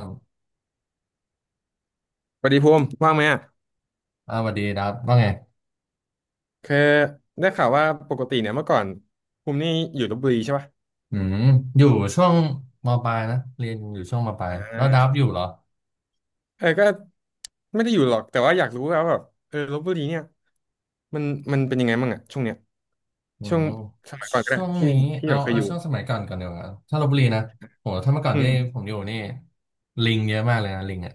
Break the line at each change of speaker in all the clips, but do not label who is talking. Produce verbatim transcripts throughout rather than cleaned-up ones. ครับ
สวัสดีภูมิว่างไหมอ่ะ
อ่าสวัสดีดับว่าไง
คือได้ข่าวว่าปกติเนี่ยเมื่อก่อนภูมินี่อยู่ลพบุรีใช่ป่ะ
อืมอยู่ช่วงมปลายนะเรียนอยู่ช่วงมปลาย
อ่
แล้วดั
า
บอยู่เหรอ
เออก็ไม่ได้อยู่หรอกแต่ว่าอยากรู้ว่าแบบเออลพบุรีเนี่ยมันมันเป็นยังไงบ้างอ่ะช่วงเนี้ย
อื
ช่วง
ม
สมัยก่อนก็ได้
ช่วง
ที่
นี้
ที่
เอา
เราเคย
เอา
อยู่
ช่วงสมัยก่อนก่อนเดียวาถ้าลพบุรีนะโหถ้าเมื่อก่อน
อื
ที่
ม
ผมอยู่นี่ลิงเยอะมากเลยนะลิงอ่ะ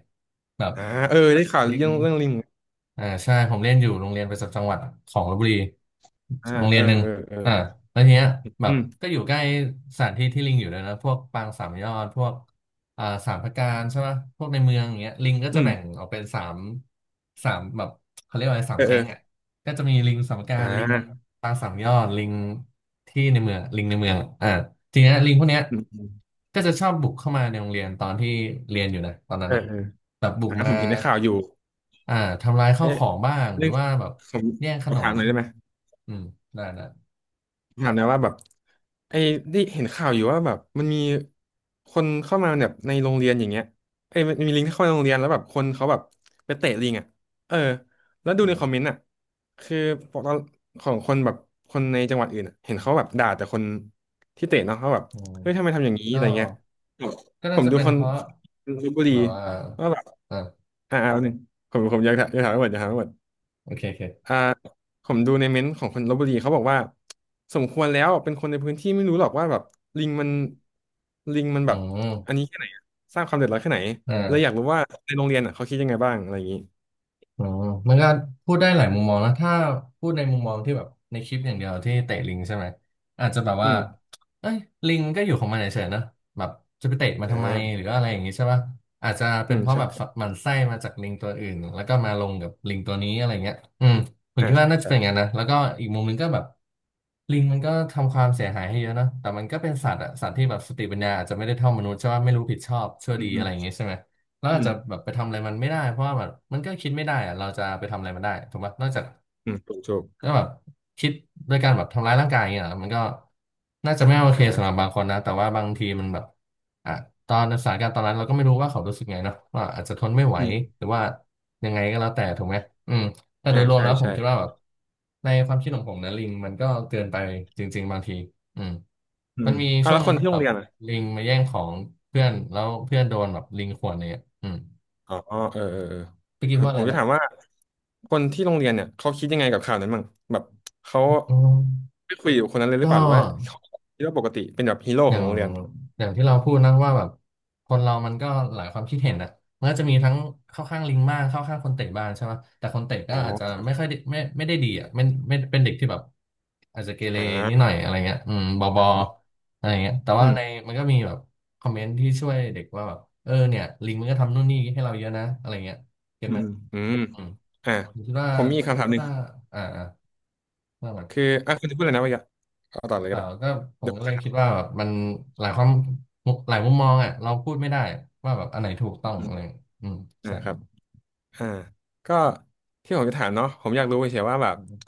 แบบ
อ่าเออได้ข่าว
ลิ
เรื่
ง
องเรื่องลิง
อ่าใช่ผมเรียนอยู่โรงเรียนประจำจังหวัดของลพบุรี
อ่า
โรงเรี
เอ
ยน
อ
หนึ่ง
เออเออ
อ่าแล้วทีเนี้ยแบ
อื
บ
ม
ก็อยู่ใกล้สถานที่ที่ลิงอยู่เลยนะพวกปางสามยอดพวกอ่าสามพระการใช่ไหมพวกในเมืองอย่างเงี้ยลิงก็
อื
จะ
ม
แบ่งออกเป็นสามสามแบบเขาเรียกว่าอะไรสา
เอ
ม
อเอ
แก๊
อ
งอ่ะก็จะมีลิงสามพระกา
อ่
รลิง
า
ปางสามยอดลิงที่ในเมืองลิงในเมืองอ่า ทีเนี้ยลิงพวกเนี้ย
อืมอืม
ก็จะชอบบุกเข้ามาในโรงเรียนตอนที่เรียนอยู่นะตอนนั้น
เออ
อ่ะ
เออ
แบบบุก
อ่า
มา
ผมเห็นในข่าวอยู่
อ่าทำลายข้าวข
เอ๊ะ
องบ้างห
เรื่
รือ
อง
ว่าแบบ
ผม
แย่งข
ขอ
น
ถาม
ม
หน่อยได้ไหม
อืมได้นะ
ถามหนะว่าแบบไอ้ได้เห็นข่าวอยู่ว่าแบบมันมีคนเข้ามาแบบในโรงเรียนอย่างเงี้ยไอ้ยมันมีลิงที่เข้ามาในโรงเรียนแล้วแบบคนเขาแบบไปเตะลิงอ่ะเออแล้วดูใน
อื
คอมเมน
ม
ต์อ่ะคือพวกเราของคนแบบคนในจังหวัดอื่นอะเห็นเขาแบบด่าแต่คนที่เตะเนาะเขาแบบ
อืม
เฮ้ยทำไมทำอย่างนี้อะ
ก็
ไรเงี้ยแบบ
ก็
ผ
น่า
ม
จะ
ดู
เป็น
คน
เพราะ
คนลพบุรี
แบบว่า
ว่าแบบ
อ่า
อ่าเอาหนึ่งผมผมอยากถามอยากถามให้หมดอยากถามให้หมด
โอเคโอเค
อ่าผมดูในเม้นต์ของคนลพบุรีเขาบอกว่าสมควรแล้วเป็นคนในพื้นที่ไม่รู้หรอกว่าแบบลิงมันลิงมัน
อื
แบบอัน
ม
นี้แค่ไหนอะสร้างความเดือดร้อนแค่ไหน
อ
เลยอยาก
่า
รู้ว่าในโรงเรียนอ่ะเขาคิดยังไงบ้างอะไรอย่างนี้
อ๋อมันก็พูดได้หลายมุมมองนะถ้าพูดในมุมมองที่แบบในคลิปอย่างเดียวที่เตะลิงใช่ไหมอาจจะแบบ
อื
ว่า
ม
เอ้ยลิงมันก็อยู่ของมันเฉยๆนะแบบจะไปเตะมัน
อ่
ทำไมห
า
รืออะไรอย่างงี้ใช่ป่ะอาจจะ
อื
เป็น
ม
เพราะแบบ
ใช่
หมันไส้มาจากลิงตัวอื่นแล้วก็มาลงกับลิงตัวนี้อะไรเงี้ยอืมผม
อ่า
คิดว่า
ใช่
น่าจะเป็นอย่าง
ใช่
นั้นนะแล้วก็อีกมุมหนึงก็แบบลิงมันก็ทำความเสียหายให้เยอะนะแต่มันก็เป็นสัตว์อะสัตว์ที่แบบสติปัญญาอาจจะไม่ได้เท่ามนุษย์ใช่ป่ะไม่รู้ผิดชอบชั่
อื
ว
ม
ดี
อื
อะ
ม
ไรอย่างงี้ใช่ไหม เรา
อื
อาจจะ
ม
แบบไปทำอะไรมันไม่ได้เพราะว่าแบบมันก็คิดไม่ได้อะเราจะไปทำอะไรมันได้ถูกปะนอกจาก
อืมถูกถูก
ก็แบบคิดโดยการแบบทำร้ายร่างกายอย่างเงี้ยเหรอมันก็น่าจะไม่โอ
อ่
เคสำหรับ
า
บางคนนะแต่ว่าบางทีมันแบบอ่ะตอนสถานการณ์ตอนนั้นเราก็ไม่รู้ว่าเขารู้สึกไงเนาะว่าอาจจะทนไม่ไหว
อืม
หรือว่ายังไงก็แล้วแต่ถูกไหมอืมแต่โด
อ่า
ยรวม
ใช่
แล้วผม
ใช่
คิดว่าแบบในความคิดของผมนะลิงมันก็เกินไปจริงๆบางทีอืม
อื
มัน
ม
มี
อ่า
ช่ว
แล้
ง
ว
ห
ค
นึ่
น
ง
ที่
ที่
โร
แบ
ง
บ
เรียนอ่ะ
ลิงมาแย่งของเพื่อนแล้วเพื่อนโดนแบบลิงข่วนอะไรเงี้ยอืม
อ๋อเออเออเออ
พี่
เอ
คิด
อ
ว่าอะ
ผ
ไร
มจะ
นะ
ถามว่าคนที่โรงเรียนเนี่ยเขาคิดยังไงกับข่าวนั้นบ้างแบบเขา
อืม
ไม่คุยกับคนนั้นเลยหรื
ก็
อเปล่าหรือว่าเขาคิดว่าปกติเป็นแบบฮีโร่
อ
ข
ย่า
อง
ง
โรงเรียน
อย่างที่เราพูดนะว่าแบบคนเรามันก็หลายความคิดเห็นอ่ะมันก็จะมีทั้งเข้าข้างลิงบ้างเข้าข้างคนเตะบ้างใช่ไหมแต่คนเตะก็
อ๋อ
อาจจะ
ครับ
ไม่ค่อยได้ไม่ไม่ได้ดีอ่ะไม่ไม่เป็นเด็กที่แบบอาจจะเกเร
อ
นิดหน่อ
่า
ยอะไรเงี้ยอืมบอบออะไรเงี้ยแต่ว่า
อืม
ในมันก็มีแบบคอมเมนต์ที่ช่วยเด็กว่าแบบเออเนี่ยลิงมันก็ทำนู่นนี่ให้เราเยอะนะอะไรเงี้ยเก็ต
อื
ไหม
มอืม
อืม
อ่า
ผมคิดว่า
ผมมีคำถามหนึ่ง
ถ้าอ่าอ่าว่ามา
คืออ่ะคุณจะพูดอะไรนะวะยะเอาต่อเลย
เอ
ก็
อ
ได้
ก็ผม
เดี๋ยว
ก็
ผม
เล
จะ
ย
ถา
คิ
ม
ดว่าแบบมันหลายความมุหลายมุมมองอ่ะเราพูดไม่ได้ว่าแบบอันไหนถูกต้
อื
อง
ม
อะไรออืม
อ่า
ใช่
ครับ อ่าก็ที่ผมจะถามเนาะผมอยากรู้เฉยๆว่าแบบ
อืม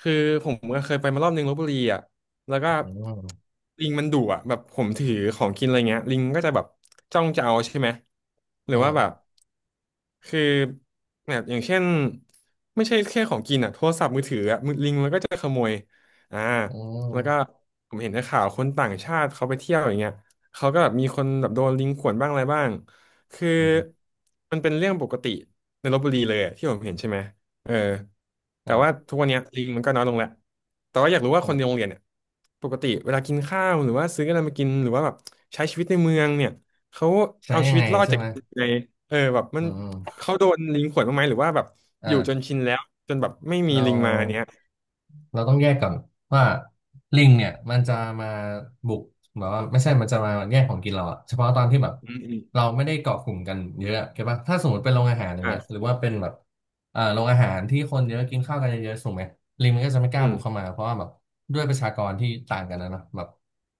คือผมก็เคยไปมารอบนึงลพบุรีอ่ะแล้วก็
อืม
ลิงมันดุอ่ะแบบผมถือของกินอะไรเงี้ยลิงก็จะแบบจ้องจะเอาใช่ไหมหรื
อื
อว่าแบบ
ม
คือแบบอย่างเช่นไม่ใช่แค่ของกินอ่ะโทรศัพท์มือถืออ่ะมือลิงมันก็จะขโมยอ่า
อื
แล้วก็
ม
ผมเห็นในข่าวคนต่างชาติเขาไปเที่ยวอย่างเงี้ยเขาก็แบบมีคนแบบโดนลิงข่วนบ้างอะไรบ้างคือ
อืม
มันเป็นเรื่องปกติ ในลพบุรีเลยอะที่ผมเห็นใช่ไหมเออแต่ว่า
อ่า
ทุกวันเนี้ยลิงมันก็น้อยลงแล้วแต่ว่าอยากรู้ว่า
อื
คนในโรง
ม
เรียนเนี่ยปกติเวลากินข้าวหรือว่าซื้ออะไรมากินหรือว่าแบบใช้ชีวิตในเมืองเนี่ยเขา
ใช้
เอา
ยั
ชี
ง
วิ
ไง
ตรอด
ใช่
จาก
ไหม
ในเออแบบมั
อื
น
ม
เขาโดนลิงข่วนบ้างไหมหรือว่าแบบอยู่จน
อ่า
ชินแล้วจนแบบไม่มี
เรา
ลิงมาเนี้ย
เราต้องแยกก่อนว่าลิงเนี่ยมันจะมาบุกแบบว่าไม่ใช่มันจะมาแย่งของกินเราอะเฉพาะตอนที่แบบ
อืมอืม
เราไม่ได้เกาะกลุ่มกันเยอะเข้าใจปะถ้าสมมติเป็นโรงอาหารอย่างเงี้ยห
อ่า
รือว่าเป็นแบบเอ่อโรงอาหารที่คนเยอะกินข้าวกันเยอะๆถูกไหมลิงมันก็จะไม่ก
อื
ล้า
ม
บุกเข้ามาเพราะว่าแบบด้วยประชากรที่ต่างกันนะเนาะแบบ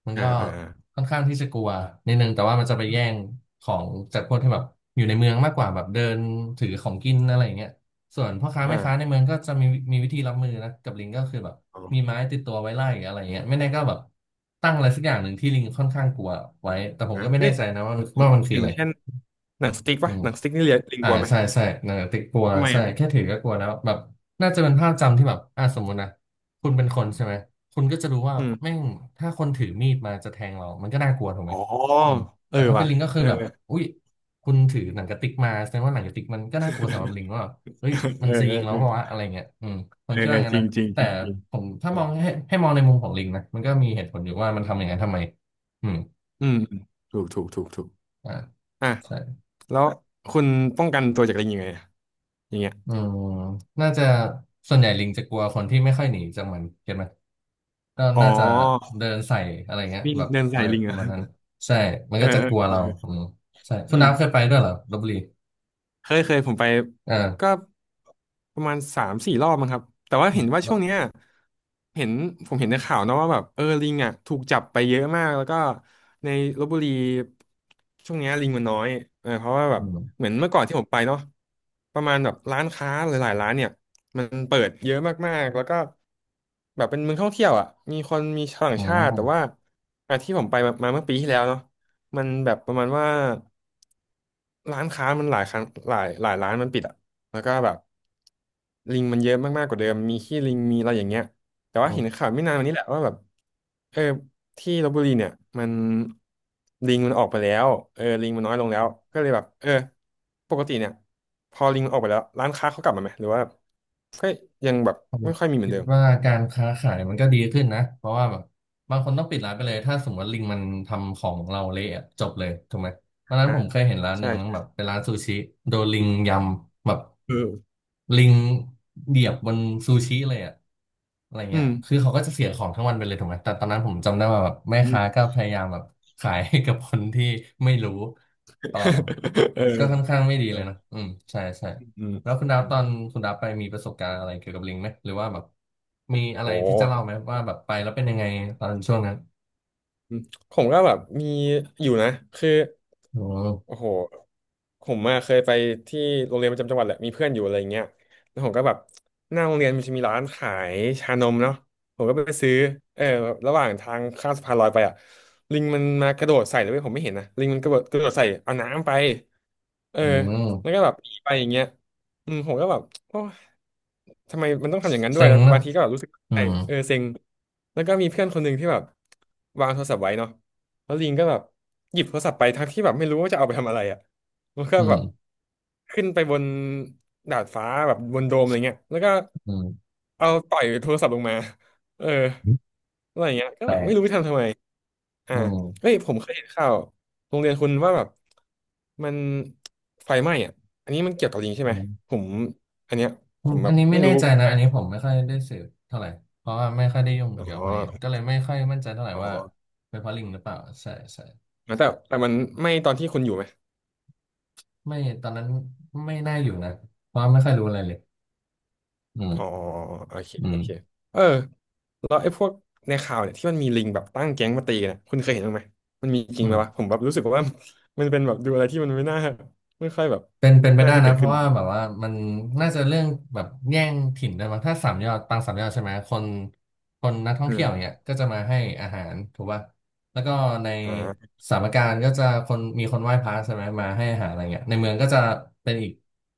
มัน
อ่า
ก็
อ่า
ค่อนข้างที่จะกลัวนิดนึงแต่ว่ามันจะไปแย่งของจากพวกที่แบบอยู่ในเมืองมากกว่าแบบเดินถือของกินอะไรอย่างเงี้ย ส่วนพ่อค้าแม่ค้าใน
อ่า
เมืองก็จะมีมีวิธีรับมือนะกับลิงก็คือแบบ
อ๋
มี
อ
ไม้ติดตัวไว้ไล่อะไรเงี้ยไม่แน่ก็แบบตั้งอะไรสักอย่างหนึ่งที่ลิงค่อนข้างกลัวไว้แต่ผม
อ่า
ก็ไม่
เฮ้
แน่
ย
ใจนะว่าว่ามันคื
อ
อ
ย่า
อะ
ง
ไร
เช่นหนังสติ๊ก
อื
ปะ
ม
หนังสติ๊กนี่เรียนลิง
อ่า
กลัวไหม
ใช่ใช่หนังกระติกกลัว
ทำไม
ใช่
อ่ะ
แค่ถือก็กลัวแล้วแบบน่าจะเป็นภาพจำที่แบบอ่าสมมุตินะคุณเป็นคนใช่ไหมคุณก็จะรู้ว่า
อืม
แม่งถ้าคนถือมีดมาจะแทงเรามันก็น่ากลัวถูกไห
อ๋
ม
อ
อืม
เออ
แต่ถ้าเป็น
ว่ะ
ลิงก็คื
เอ
อ
อ
แบบอุ้ยคุณถือหนังกระติกมาแสดงว่าหนังกระติกมันก็น่ากลัวสำหรับลิงว่าเฮ้
เอ
ย
อ
มั
เอ
นจะยิ
อ
งเรา
เออ
เปล่าวะอะไรเงี้ยอืมผม
เอ
คิ
อ
ด
เอ
ว่า
อ
งั้
จ
น
ริ
นะ
งจริงจ
แต่
ริงจริง
ผมถ้า
เอ
มอง
อ
ให้ให้มองในมุมของลิงนะมันก็มีเหตุผลอยู่ว่ามันทำอย่างนั้นทำไมอืม
อืมอืมถูกถูกถูกถูก
อ่า
อ่ะ
ใช่
แล้วคุณป้องกันตัวจากลิงยังไงอะอย่างเงี้ย
อืม น่าจะส่วนใหญ่ลิงจะกลัวคนที่ไม่ค่อยหนีจากมันเก็ตไหม ก็
อ๋อ
น่าจะเดินใส่อะไรเงี้ย
วิ่ง
แบบ
เดิน
อะ
ใส่
ไร
ลิง
ป
เหร
ระ
อ
มาณนั้นใช่ มัน
เออ
ก็จะ
เอ
ก
อ
ลัว
เออ
เรา
เออ
อืมใช่คุ
อื
ณ
ม
น้ำเคยไปด้วยเหรอลพบุรี
เคยเคยผมไปก็
อ่า
ประมาณสามสี่รอบมั้งครับแต่ว่าเห็นว่าช่วงเนี้ยเห็นผมเห็นในข่าวนะว่าแบบเออลิงอ่ะถูกจับไปเยอะมากแล้วก็ในลพบุรีช่วงเนี้ยลิงมันน้อยเออเพราะว่าแบ
อื
บ
ม
เหมือนเมื่อก่อนที่ผมไปเนาะประมาณแบบร้านค้าหลายๆร้านเนี่ยมันเปิดเยอะมากๆแล้วก็แบบเป็นเมืองท่องเที่ยวอ่ะมีคนมีชาวต่า
อ
งชาติแต่ว่า
ื
อ่ะที่ผมไปมามาเมื่อปีที่แล้วเนาะ มันแบบประมาณว่าร้านค้ามันหลายครั้งหลายหลายร้านมันปิดอ่ะแล้วก็แบบลิงมันเยอะมากๆกว่าเดิมมีขี้ลิงมีอะไรอย่างเงี้ยแต่ว่าเห็น
ม
ข่าวไม่นานมานี้แหละว่าแบบเออที่ลพบุรีเนี่ยมันลิงมันออกไปแล้วเออลิงมันน้อยลงแล้วก็เลยแบบเออปกติเนี่ยพอลิงมันออกไปแล้วร้านค้าเขากลับมาไหมหรือว่าก็ยังแบบ
ผม
ไม่ค่อยมีเหมือ
คิ
น
ด
เดิม
ว่าการค้าขายมันก็ดีขึ้นนะเพราะว่าแบบบางคนต้องปิดร้านไปเลยถ้าสมมติว่าลิงมันทำของเราเละอะจบเลยถูกไหมวันนั้น
อ่า
ผมเคยเห็นร้านห
ใช่
นึ่งแบบเป็นร้านซูชิโดนลิงยำแบบ
เออ
ลิงเหยียบบนซูชิเลยอะอะไรเงี้
อื
ย
ม
คือเขาก็จะเสียของทั้งวันไปเลยถูกไหมแต่ตอนนั้นผมจำได้ว่าแบบแม่
อืม
ค้าก็พยายามแบบขายให้กับคนที่ไม่รู้ต่อ
เอ
ก็
อ
ค่อนข้างไม่ดี
เอ
เลย
อ
นะอืมใช่ใช่
อื
แล้วคุณดาวตอ
ม
นคุณดาวไปมีประสบการณ์อะไรเกี่ยวกับลิงไหมหรือว่าแบบมีอะไร
โอ้
ที่จะเล่าไหมว่าแบบไปแล้วเป็นยังไงตอนช่วงนั้น
ผมก็แบบมีอยู่นะคือ
อืม
โอ้โหผมอะเคยไปที่โรงเรียนประจำจังหวัดแหละมีเพื่อนอยู่อะไรเงี้ยแล้วผมก็แบบหน้าโรงเรียนมันจะมีร้านขายชานมเนาะผมก็ไปซื้อเออระหว่างทางข้ามสะพานลอยไปอะลิงมันมากระโดดใส่เลยเว้ยผมไม่เห็นนะลิงมันกระโดดกระโดดใส่เอาน้ำไปเออ
อื
แล้วก็
ม
แบบหนีไปอย่างเงี้ยอืมผมก็แบบโอ้ทำไมมันต้องทำอย่างนั้นด้ว
เซ็
ย
ง
แล้ว
นะ
บางทีก็แบบรู้สึก
อื
ใช่
ม
เออเซ็งแล้วก็มีเพื่อนคนหนึ่งที่แบบวางโทรศัพท์ไว้เนาะ แล้วลิงก็แบบหยิบโทรศัพท์ไปทั้งที่แบบไม่รู้ว่าจะเอาไปทำอะไรอ่ะแล้วก็
อื
แบ
ม
บขึ้นไปบนดาดฟ้าแบบบนโดมอะไรเงี้ยแล้วก็
อืม
เอาต่อยโทรศัพท์ลงมาเอออะไรอย่างเงี้ยก็แบ
แต่
บไม่รู้ไปทำทำไมอ่า
อื
เฮ้
ม
ยผมเคยเห็นข่าวโรงเรียนคุณว่าแบบมันไฟไหม้อ่ะอันนี้มันเกี่ยวกับลิงใช่
อื
ไหมผ
ม
มอันเนี้ยผ
อืม
มแบ
อัน
บ
นี้ไม่
ไม่
แน่
รู้
ใจนะ
มา
อัน
ก
นี้ผมไม่ค่อยได้สืบเท่าไหร่เพราะว่าไม่ค่อยได้ยุ่ง
อ๋
เกี่ยวกับพ
อ
วกนี้ก็เลยไม่ค่อยมั่นใจเท่าไหร่
อ๋อ
ว่าเป็นเพราะลิงหรือเปล่าใช่ใช่
แต่แต่มันไหม้ตอนที่คุณอยู่ไหม
ไม่ตอนนั้นไม่น่าอยู่นะเพราะไม่ค่อยรู้อะไรเลยอืม
อ๋อโอเค
อื
โอ
ม
เคเออ แล้วไอ้พวกในข่าวเนี่ยที่มันมีลิงแบบตั้งแก๊งมาตีกันเนี่ยคุณเคยเห็นบ้างไหมมันมีจริ
อื
งไหมวะผ
ม
มแบบรู้สึกว่า มันเป็นแบบดูอะไรที่มันไม่น่าไม่ค่อยแบบ
เป็นเป็นไป
น่า
ได้
จะเกิ
นะ
ด
เพ
ขึ้น
ราะว่าแบบว่ามันน่าจะเรื่องแบบแย่งถิ่นด้วยมั้งถ้าสามยอดปางสามยอดใช่ไหมคนคนนักท่อง
อื
เที่ยวเนี่
ม
ยก็จะมาให้อาหารถูกป่ะแล้วก็ใน
อ่า
สามการก็จะคนมีคนไหว้พระใช่ไหมมาให้อาหารอะไรเงี้ยในเมืองก็จะเป็นอีก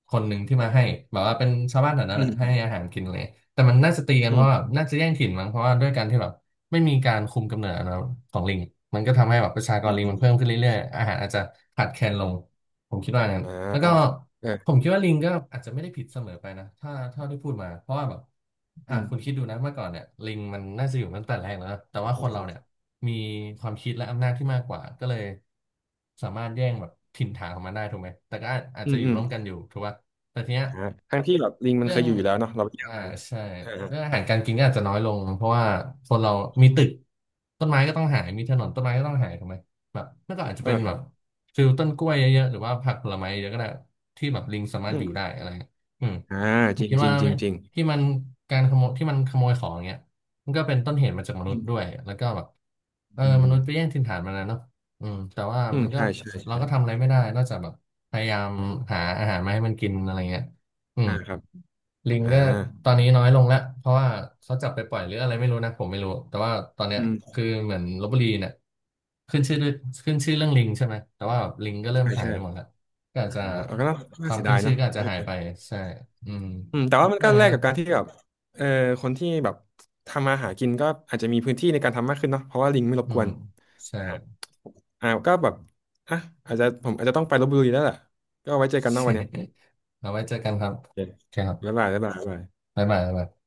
คนหนึ่งที่มาให้แบบว่าเป็นชาวบ้านแถวนั้น
อื
แหละให้
ม
อาหารกินเลย แต่มันน่าจะตีกัน
อื
เพราะว่า
ม
น่าจะแย่งถิ่นมั้งเพราะว่าด้วยการที่แบบไม่มีการคุมกำเนิดนะของลิงมันก็ทำให้แบบประชากร
อืม
ลิงมันเพิ่ม
อ
ขึ้นเรื่อยๆอาหารอาจจะขาดแคลนลงผมคิดว่างั้น
อ่า
แล้วก็
เออ
ผมคิดว่าลิงก็อาจจะไม่ได้ผิดเสมอไปนะถ้าเท่าที่พูดมาเพราะว่าแบบอ่ะ
อืม
คุณคิดดูนะเมื่อก่อนเนี่ยลิงมันน่าจะอยู่มาตั้งแต่แรกแล้วนะแต่
โอ้
ว่า
โห
คนเราเนี่ยมีความคิดและอำนาจที่มากกว่าก็เลยสามารถแย่งแบบถิ่นฐานของมันได้ถูกไหมแต่ก็อาจ
อื
จะ
ม
อยู่
อืม
ร่วมกันอยู่ถูกป่ะแต่ทีเนี้ย
อ่าทั้งที่แบบลิงมัน
เรื่อ
เค
ง
ยอยู่อยู่แล้วเนาะเราไปเจอ
อ่า
มา
ใช่
เออ
เรื่องอาหารการกินก็อาจจะน้อยลงเพราะว่าคนเรามีตึกต้นไม้ก็ต้องหายมีถนนต้นไม้ก็ต้องหายถูกไหมแบบเมื่อก่อนอาจจะเป็นแบบ
เออ
ฟิลต้นกล้วยเยอะๆหรือว่าผักผลไม้เยอะก็ได้ที่แบบลิงสามาร
อื
ถอ
ม
ยู่ได้อะไรเงี้ยอืม
อ่า
ผ
จ
ม
ริง
คิด
จริ
ว่า
งจริงจริง
ที่มันการขโมยที่มันขโมยของเงี้ยมันก็เป็นต้นเหตุมาจากมนุ
อื
ษย์ด้วย
ม
แล้วก็แบบเออ
อืม
ม
อื
นุษ
ม
ย์ไปแย่งถิ่นฐานมันนะเนาะอืมแต่ว่า
อืม
มันก็
ใช่ใช่
เรา
ใช่
ก็ทำอะไรไม่ได้นอกจากแบบพยายามหาอาหารมาให้มันกินอะไรเงี้ยอืม
อ่าครับ
ลิง
อ่า
ก็ตอนนี้น้อยลงแล้วเพราะว่าเขาจับไปปล่อยหรืออะไรไม่รู้นะผมไม่รู้แต่ว่าตอนเนี้ย
อืม
คือเหมือนลพบุรีเนี่ยขึ้นชื่อด้วยขึ้นชื่อเรื่องลิงใช่ไหมแต่ว่าลิงก็เริ่ม
ใช่
หาย
ใช่
ไปหมดแล้วก็อาจ
อ่า
จะ
เอาก็น่า
ค
น่า
วาม
เสีย
ขึ้
ดา
น
ย
ชื่อ
เนาะ
ก็อาจจะหายไปใช่อืม
อืมแต่
ถู
ว่า
ก
มัน
บ้า
ก็
งน
แลก
นะ
กับการที่แบบเออคนที่แบบทำมาหากินก็อาจจะมีพื้นที่ในการทำมากขึ้นเนาะเพราะว่าลิงไม่รบ
อื
กว
ม
น
ใช่
อ่าอ่าก็แบบอ่ะอาจจะผมอาจจะต้องไปลพบุรีแล้วแหละก็ไว้เจอกันเนอกวันเนี้ย
เอาไว้เจอกันครับ
โอเค
โอเคครั
บ๊าย
บ
บายบ๊ายบายบ๊ายบาย
บ๊ายบายบ๊ายบาย